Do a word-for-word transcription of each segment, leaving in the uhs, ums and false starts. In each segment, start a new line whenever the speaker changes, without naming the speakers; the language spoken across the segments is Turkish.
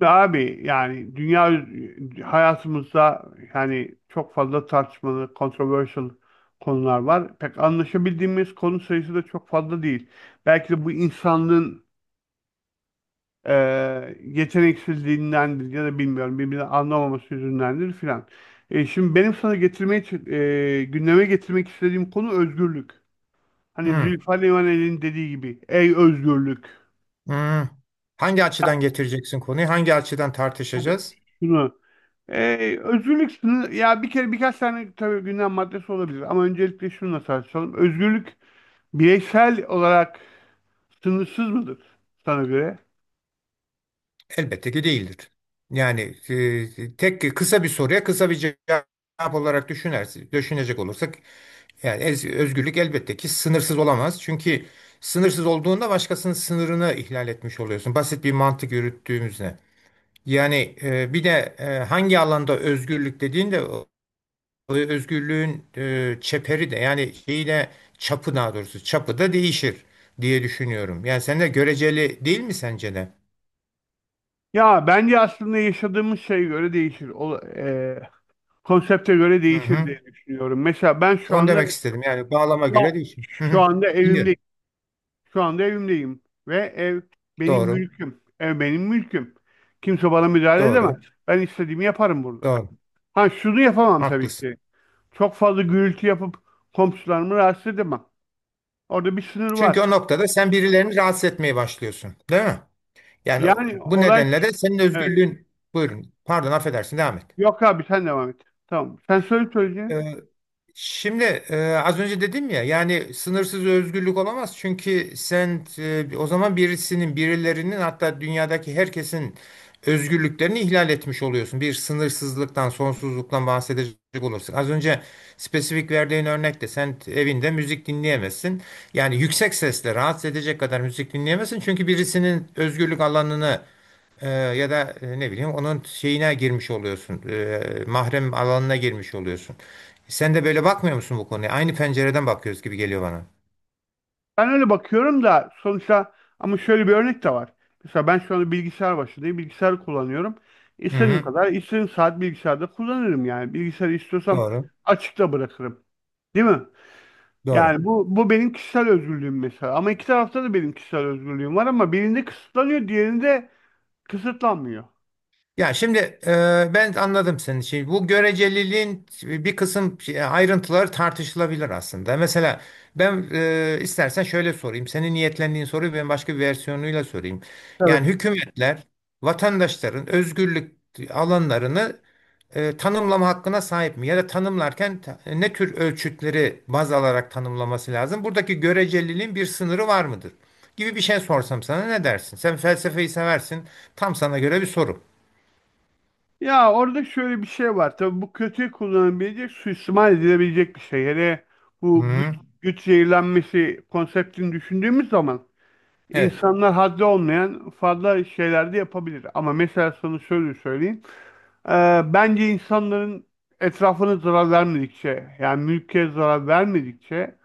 Abi, yani dünya hayatımızda yani çok fazla tartışmalı, controversial konular var. Pek anlaşabildiğimiz konu sayısı da çok fazla değil. Belki de bu insanlığın e, yeteneksizliğindendir ya da bilmiyorum, birbirini anlamaması yüzündendir filan. E, şimdi benim sana getirmeye, ç- e, gündeme getirmek istediğim konu özgürlük. Hani
Hmm,
Zülfü Livaneli'nin dediği gibi, ey özgürlük.
hmm. Hangi açıdan getireceksin konuyu? Hangi açıdan
Tabii.
tartışacağız?
Şunu Ee, özgürlük sınır, ya bir kere birkaç tane tabii gündem maddesi olabilir ama öncelikle şununla tartışalım. Özgürlük bireysel olarak sınırsız mıdır sana göre?
Elbette ki değildir. Yani e, tek kısa bir soruya kısa bir cevap olarak düşünersin, düşünecek olursak yani ez- özgürlük elbette ki sınırsız olamaz. Çünkü sınırsız olduğunda başkasının sınırını ihlal etmiş oluyorsun. Basit bir mantık yürüttüğümüzde. Yani e, bir de e, hangi alanda özgürlük dediğinde özgürlüğün e, çeperi de yani şeyi de çapı daha doğrusu çapı da değişir diye düşünüyorum. Yani sen de göreceli değil mi sence de?
Ya bence aslında yaşadığımız şeye göre değişir. O, e, konsepte göre
Hı
değişir
hı.
diye düşünüyorum. Mesela ben şu
Onu
anda
demek istedim. Yani bağlama
şu,
göre değişir. Hı
şu
hı.
anda
Biliyorum.
evimdeyim. Şu anda evimdeyim ve ev benim
Doğru.
mülküm. Ev benim mülküm. Kimse bana müdahale edemez.
Doğru.
Ben istediğimi yaparım burada.
Doğru.
Ha şunu yapamam tabii
Haklısın.
ki. Çok fazla gürültü yapıp komşularımı rahatsız edemem. Orada bir sınır
Çünkü
var.
o noktada sen birilerini rahatsız etmeye başlıyorsun. Değil mi? Yani
Yani
bu
olay,
nedenle de senin
evet.
özgürlüğün buyurun. Pardon affedersin devam
Yok abi, sen devam et. Tamam. Sen söyle
et.
söyleyeceğini.
Şimdi e, az önce dedim ya yani sınırsız özgürlük olamaz çünkü sen e, o zaman birisinin birilerinin hatta dünyadaki herkesin özgürlüklerini ihlal etmiş oluyorsun. Bir sınırsızlıktan, sonsuzluktan bahsedecek olursak. Az önce spesifik verdiğin örnekte sen evinde müzik dinleyemezsin. Yani yüksek sesle rahatsız edecek kadar müzik dinleyemezsin çünkü birisinin özgürlük alanını e, ya da e, ne bileyim onun şeyine girmiş oluyorsun. E, mahrem alanına girmiş oluyorsun. Sen de böyle bakmıyor musun bu konuya? Aynı pencereden bakıyoruz gibi geliyor bana.
Ben öyle bakıyorum da sonuçta, ama şöyle bir örnek de var. Mesela ben şu anda bilgisayar başındayım. Bilgisayar kullanıyorum.
Hı
İstediğim
hı.
kadar, istediğim saat bilgisayarda kullanırım yani. Bilgisayarı istiyorsam
Doğru.
açıkta bırakırım. Değil mi?
Doğru.
Yani bu bu benim kişisel özgürlüğüm mesela. Ama iki tarafta da benim kişisel özgürlüğüm var, ama birinde kısıtlanıyor, diğerinde kısıtlanmıyor.
Ya şimdi e, ben anladım senin şeyi. Bu göreceliliğin bir kısım şey- ayrıntıları tartışılabilir aslında. Mesela ben e, istersen şöyle sorayım. Senin niyetlendiğin soruyu ben başka bir versiyonuyla sorayım.
Tabii.
Yani hükümetler vatandaşların özgürlük alanlarını e, tanımlama hakkına sahip mi? Ya da tanımlarken ta- e, ne tür ölçütleri baz alarak tanımlaması lazım? Buradaki göreceliliğin bir sınırı var mıdır? Gibi bir şey sorsam sana ne dersin? Sen felsefeyi seversin. Tam sana göre bir soru.
Ya orada şöyle bir şey var. Tabii, bu kötüye kullanılabilecek, suistimal edilebilecek bir şey. Hele bu güç,
Hı,
güç zehirlenmesi konseptini düşündüğümüz zaman
evet.
insanlar haddi olmayan fazla şeyler de yapabilir. Ama mesela sana şöyle söyleyeyim. Ee, bence insanların etrafına zarar vermedikçe, yani mülke zarar vermedikçe,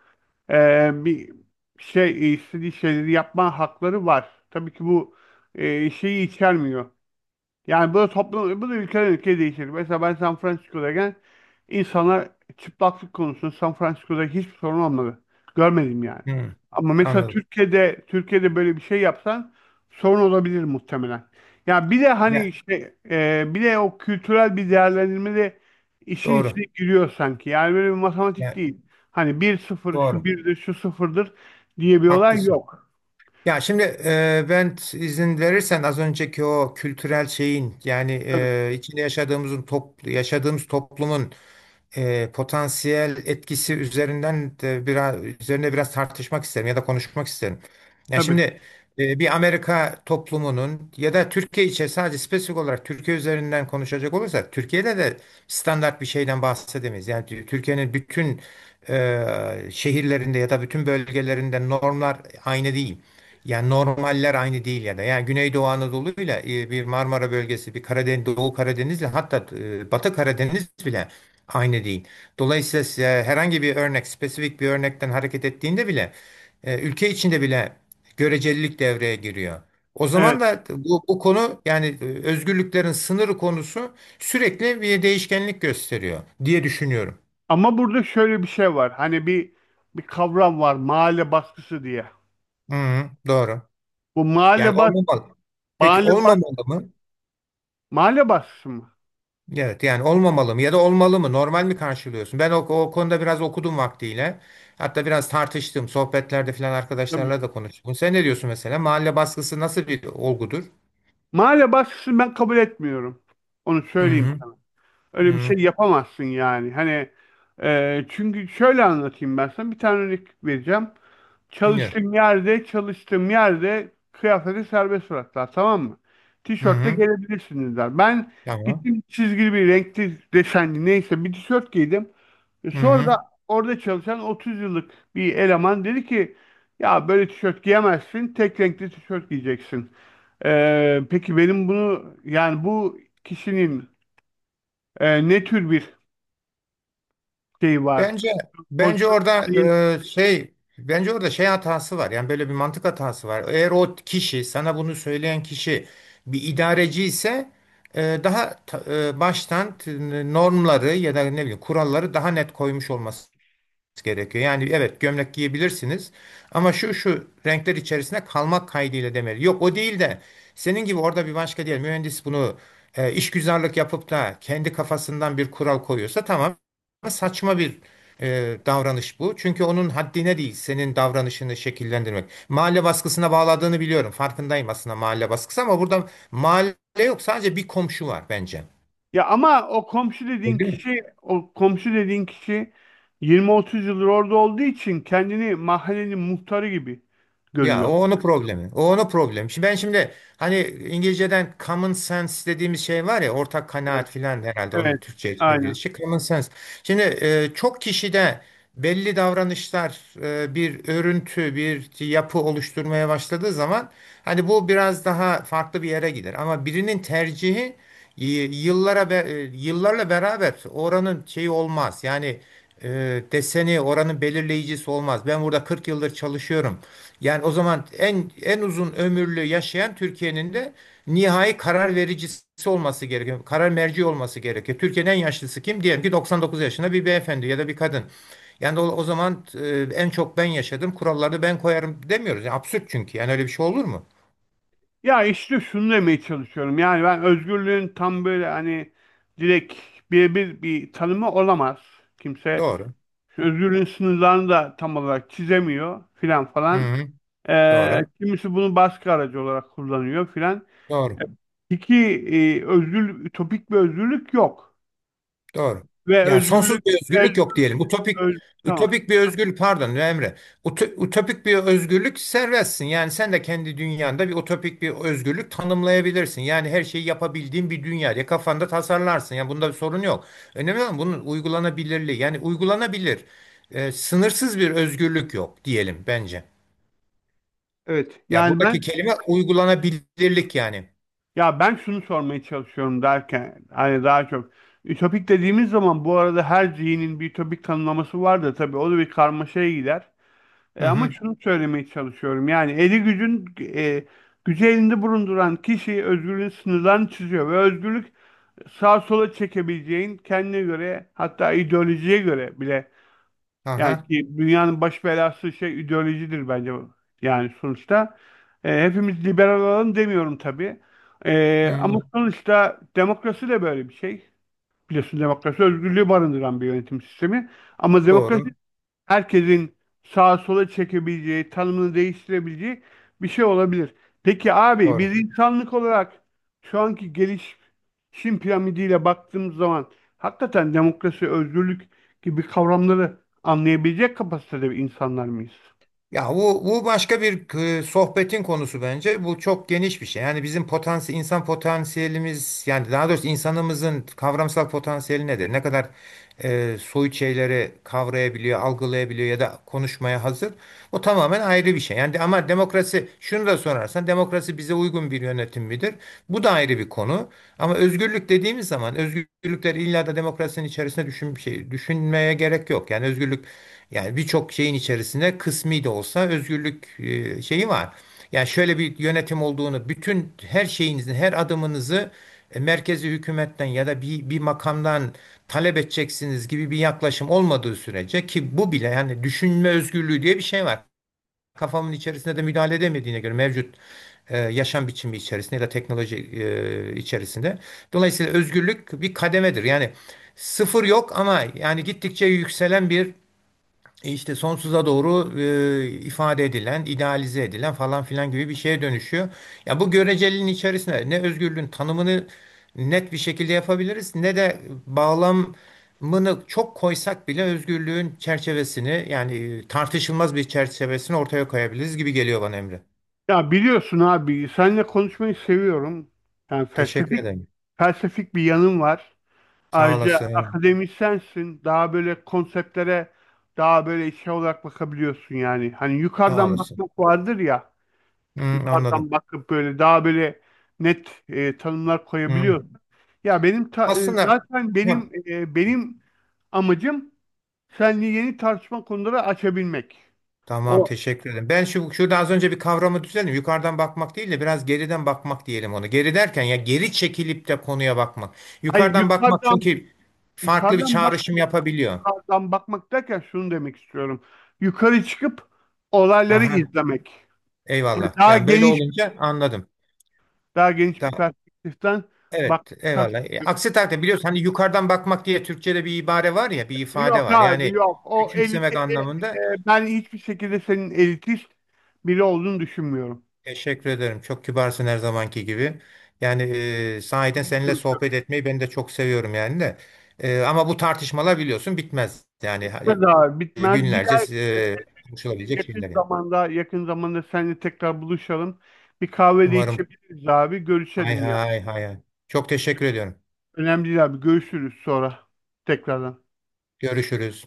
ee, bir şey istediği şeyleri yapma hakları var. Tabii ki bu ee, şeyi içermiyor. Yani bu da toplum, bu da ülkeden ülkeye değişir. Mesela ben San Francisco'dayken insanlar çıplaklık konusunda San Francisco'da hiçbir sorun olmadı. Görmedim yani.
Hı,
Ama mesela
anladım.
Türkiye'de Türkiye'de böyle bir şey yapsan sorun olabilir muhtemelen. Ya bir de hani
Ya
işte, e, bir de o kültürel bir değerlendirme de işin
doğru.
içine giriyor sanki. Yani böyle bir matematik
Ya
değil. Hani bir sıfır, şu
doğru.
birdir şu sıfırdır diye bir olay
Haklısın.
yok.
Ya şimdi e, ben izin verirsen az önceki o kültürel şeyin yani
Tabii,
e, içinde yaşadığımızın top, yaşadığımız toplumun e, potansiyel etkisi üzerinden de biraz üzerine biraz tartışmak isterim ya da konuşmak isterim. Yani
tabii.
şimdi e, bir Amerika toplumunun ya da Türkiye için sadece spesifik olarak Türkiye üzerinden konuşacak olursak Türkiye'de de standart bir şeyden bahsedemeyiz. Yani Tü- Türkiye'nin bütün e, şehirlerinde ya da bütün bölgelerinde normlar aynı değil. Yani normaller aynı değil ya da yani Güneydoğu Anadolu'yla e, bir Marmara bölgesi, bir Karadeniz, Doğu Karadeniz'le hatta e, Batı Karadeniz bile aynı değil. Dolayısıyla size herhangi bir örnek, spesifik bir örnekten hareket ettiğinde bile e, ülke içinde bile görecelilik devreye giriyor. O
Evet.
zaman da bu, bu konu yani e, özgürlüklerin sınırı konusu sürekli bir değişkenlik gösteriyor diye düşünüyorum.
Ama burada şöyle bir şey var. Hani bir bir kavram var, mahalle baskısı diye.
Hı, doğru.
Bu
Yani
mahalle bas
olmamalı. Peki
mahalle bas
olmamalı mı?
mahalle baskısı mı?
Evet yani olmamalı mı ya da olmalı mı normal mi karşılıyorsun? Ben o, o konuda biraz okudum vaktiyle. Hatta biraz tartıştım sohbetlerde falan
Tabii.
arkadaşlarla da konuştum. Sen ne diyorsun mesela? Mahalle baskısı nasıl bir olgudur?
Mahalle baskısını ben kabul etmiyorum. Onu
Hı
söyleyeyim
hı.
sana.
Hı
Öyle bir
hı.
şey yapamazsın yani. Hani, e, çünkü şöyle anlatayım ben sana. Bir tane örnek vereceğim.
Dinliyorum.
Çalıştığım yerde, çalıştığım yerde kıyafeti serbest bıraktılar, tamam mı?
Hı
Tişörtle
hı.
gelebilirsiniz, der. Ben
Tamam.
gittim, çizgili bir renkli desenli neyse bir tişört giydim. E,
Hı
Sonra
hı.
da orada çalışan otuz yıllık bir eleman dedi ki, ya böyle tişört giyemezsin, tek renkli tişört giyeceksin. E, peki benim bunu yani bu kişinin e, ne tür bir şey var?
Bence bence
Pozisyon
orada
değil.
e, şey bence orada şey hatası var. Yani böyle bir mantık hatası var. Eğer o kişi sana bunu söyleyen kişi bir idareci ise e, daha ta- e, baştan t- normları ya da ne bileyim kuralları daha net koymuş olması gerekiyor. Yani evet gömlek giyebilirsiniz ama şu şu renkler içerisinde kalmak kaydıyla demeli. Yok o değil de senin gibi orada bir başka diyelim mühendis bunu e, işgüzarlık yapıp da kendi kafasından bir kural koyuyorsa tamam saçma bir e, davranış bu. Çünkü onun haddine değil senin davranışını şekillendirmek. Mahalle baskısına bağladığını biliyorum. Farkındayım aslında mahalle baskısı ama burada mahalle yok sadece bir komşu var bence.
Ya ama o komşu dediğin
Öyle mi?
kişi o komşu dediğin kişi yirmi otuz yıldır orada olduğu için kendini mahallenin muhtarı gibi
Ya o
görüyor.
onun problemi. O onun problemi. Şimdi ben şimdi hani İngilizceden common sense dediğimiz şey var ya ortak
Evet,
kanaat filan herhalde onun
evet,
Türkçe'ye
aynen.
çevrilişi common sense. Şimdi e, çok kişide belli davranışlar e, bir örüntü, bir yapı oluşturmaya başladığı zaman hani bu biraz daha farklı bir yere gider. Ama birinin tercihi y- yıllara be- e, yıllarla beraber oranın şeyi olmaz. Yani e, deseni oranın belirleyicisi olmaz. Ben burada kırk yıldır çalışıyorum. Yani o zaman en en uzun ömürlü yaşayan Türkiye'nin de nihai karar vericisi olması gerekiyor. Karar merci olması gerekiyor. Türkiye'nin en yaşlısı kim? Diyelim ki doksan dokuz yaşında bir beyefendi ya da bir kadın. Yani o, o zaman e, en çok ben yaşadım, kuralları ben koyarım demiyoruz. Yani absürt çünkü. Yani öyle bir şey olur mu?
Ya işte şunu demeye çalışıyorum. Yani ben özgürlüğün tam böyle hani direkt birebir bir tanımı olamaz. Kimse
Doğru.
özgürlüğün sınırlarını da tam olarak çizemiyor filan
Hı
falan.
hı.
Ee,
Doğru.
kimisi bunu baskı aracı olarak kullanıyor filan.
Doğru.
İki, e, özgür ütopik bir özgürlük yok.
Doğru.
Ve
Yani sonsuz
özgürlük
bir
öz,
özgürlük yok diyelim. Utopik
öz- tamam.
utopik bir özgürlük pardon Emre. Uto- Utopik bir özgürlük serbestsin. Yani sen de kendi dünyanda bir utopik bir özgürlük tanımlayabilirsin. Yani her şeyi yapabildiğin bir dünya diye kafanda tasarlarsın. Yani bunda bir sorun yok. Önemli olan bunun uygulanabilirliği. Yani uygulanabilir. E, sınırsız bir özgürlük yok diyelim bence.
Evet.
Ya
Yani
buradaki
ben
kelime uygulanabilirlik yani.
Ya ben şunu sormaya çalışıyorum derken hani daha çok ütopik dediğimiz zaman, bu arada her zihnin bir ütopik tanımlaması var da tabii, o da bir karmaşaya gider.
Hı
E, ama
hı.
şunu söylemeye çalışıyorum, yani eli gücün e, gücü elinde bulunduran kişi özgürlüğün sınırlarını çiziyor ve özgürlük sağa sola çekebileceğin, kendine göre, hatta ideolojiye göre bile, yani
Aha.
ki dünyanın baş belası şey ideolojidir bence. Yani sonuçta e, hepimiz liberal olalım demiyorum tabii. E, ama
Hı,
sonuçta demokrasi de böyle bir şey. Biliyorsun, demokrasi özgürlüğü barındıran bir yönetim sistemi. Ama
doğru.
demokrasi herkesin sağa sola çekebileceği, tanımını değiştirebileceği bir şey olabilir. Peki abi,
Doğru.
biz insanlık olarak şu anki geliş Çin piramidiyle baktığımız zaman hakikaten demokrasi, özgürlük gibi kavramları anlayabilecek kapasitede insanlar mıyız?
Ya bu, bu başka bir e, sohbetin konusu bence. Bu çok geniş bir şey. Yani bizim potansiyel, insan potansiyelimiz yani daha doğrusu insanımızın kavramsal potansiyeli nedir? Ne kadar e, soyut şeyleri kavrayabiliyor, algılayabiliyor ya da konuşmaya hazır. O tamamen ayrı bir şey. şey. Yani de- ama demokrasi şunu da sorarsan demokrasi bize uygun bir yönetim midir? Bu da ayrı bir konu. Ama özgürlük dediğimiz zaman özgürlükler illa da demokrasinin içerisinde düşün, şey, düşünmeye gerek yok. Yani özgürlük yani birçok şeyin içerisinde kısmi de olsa özgürlük e, şeyi var. Yani şöyle bir yönetim olduğunu bütün her şeyinizin her adımınızı e, merkezi hükümetten ya da bir, bir makamdan talep edeceksiniz gibi bir yaklaşım olmadığı sürece ki bu bile yani düşünme özgürlüğü diye bir şey var kafamın içerisinde de müdahale edemediğine göre mevcut e, yaşam biçimi içerisinde ya da teknoloji e, içerisinde. Dolayısıyla özgürlük bir kademedir. Yani sıfır yok ama yani gittikçe yükselen bir e işte sonsuza doğru e, ifade edilen, idealize edilen falan filan gibi bir şeye dönüşüyor. Ya bu göreceliliğin içerisinde ne özgürlüğün tanımını net bir şekilde yapabiliriz ne de bağlamını çok koysak bile özgürlüğün çerçevesini yani e, tartışılmaz bir çerçevesini ortaya koyabiliriz gibi geliyor bana Emre.
Ya biliyorsun abi, seninle konuşmayı seviyorum. Yani
Teşekkür
felsefik
ederim.
felsefik bir yanım var.
Sağ
Ayrıca
olasın.
akademisyensin. Daha böyle konseptlere daha böyle şey olarak bakabiliyorsun yani. Hani
Sağ
yukarıdan
olasın.
bakmak vardır ya.
Hı, anladım.
Yukarıdan bakıp böyle daha böyle net e, tanımlar
Hı.
koyabiliyorsun. Ya benim ta- e,
Aslında
zaten
ya.
benim e, benim amacım seninle yeni tartışma konuları açabilmek.
Tamam,
O
teşekkür ederim. Ben şu şurada az önce bir kavramı düzelttim. Yukarıdan bakmak değil de biraz geriden bakmak diyelim onu. Geri derken ya geri çekilip de konuya bakmak.
hayır,
Yukarıdan bakmak
yukarıdan
çünkü farklı bir
yukarıdan bak
çağrışım yapabiliyor.
yukarıdan bakmak derken şunu demek istiyorum. Yukarı çıkıp olayları
Aha,
izlemek. Yani
eyvallah.
daha
Yani böyle
geniş
olunca anladım.
daha geniş bir
Tamam.
perspektiften
Evet,
bakmak.
eyvallah. E, aksi takdirde biliyorsun hani yukarıdan bakmak diye Türkçe'de bir ibare var ya, bir ifade
Yok
var.
abi,
Yani
yok. O eliti
küçümsemek
e,
anlamında.
e, Ben hiçbir şekilde senin elitist biri olduğunu düşünmüyorum.
Teşekkür ederim. Çok kibarsın her zamanki gibi. Yani e,
Onu
sahiden
hiç
seninle
düşünmüyorum.
sohbet etmeyi ben de çok seviyorum yani de. E, ama bu tartışmalar biliyorsun bitmez. Yani
Bitmez abi,
e,
bitmez. Bir
günlerce
daha, e,
e, konuşulabilecek
yakın
şeyler yani.
zamanda yakın zamanda seninle tekrar buluşalım. Bir kahve de
Umarım.
içebiliriz abi.
Hay
Görüşelim ya.
hay hay hay. Çok teşekkür ediyorum.
Önemli değil abi. Görüşürüz sonra tekrardan.
Görüşürüz.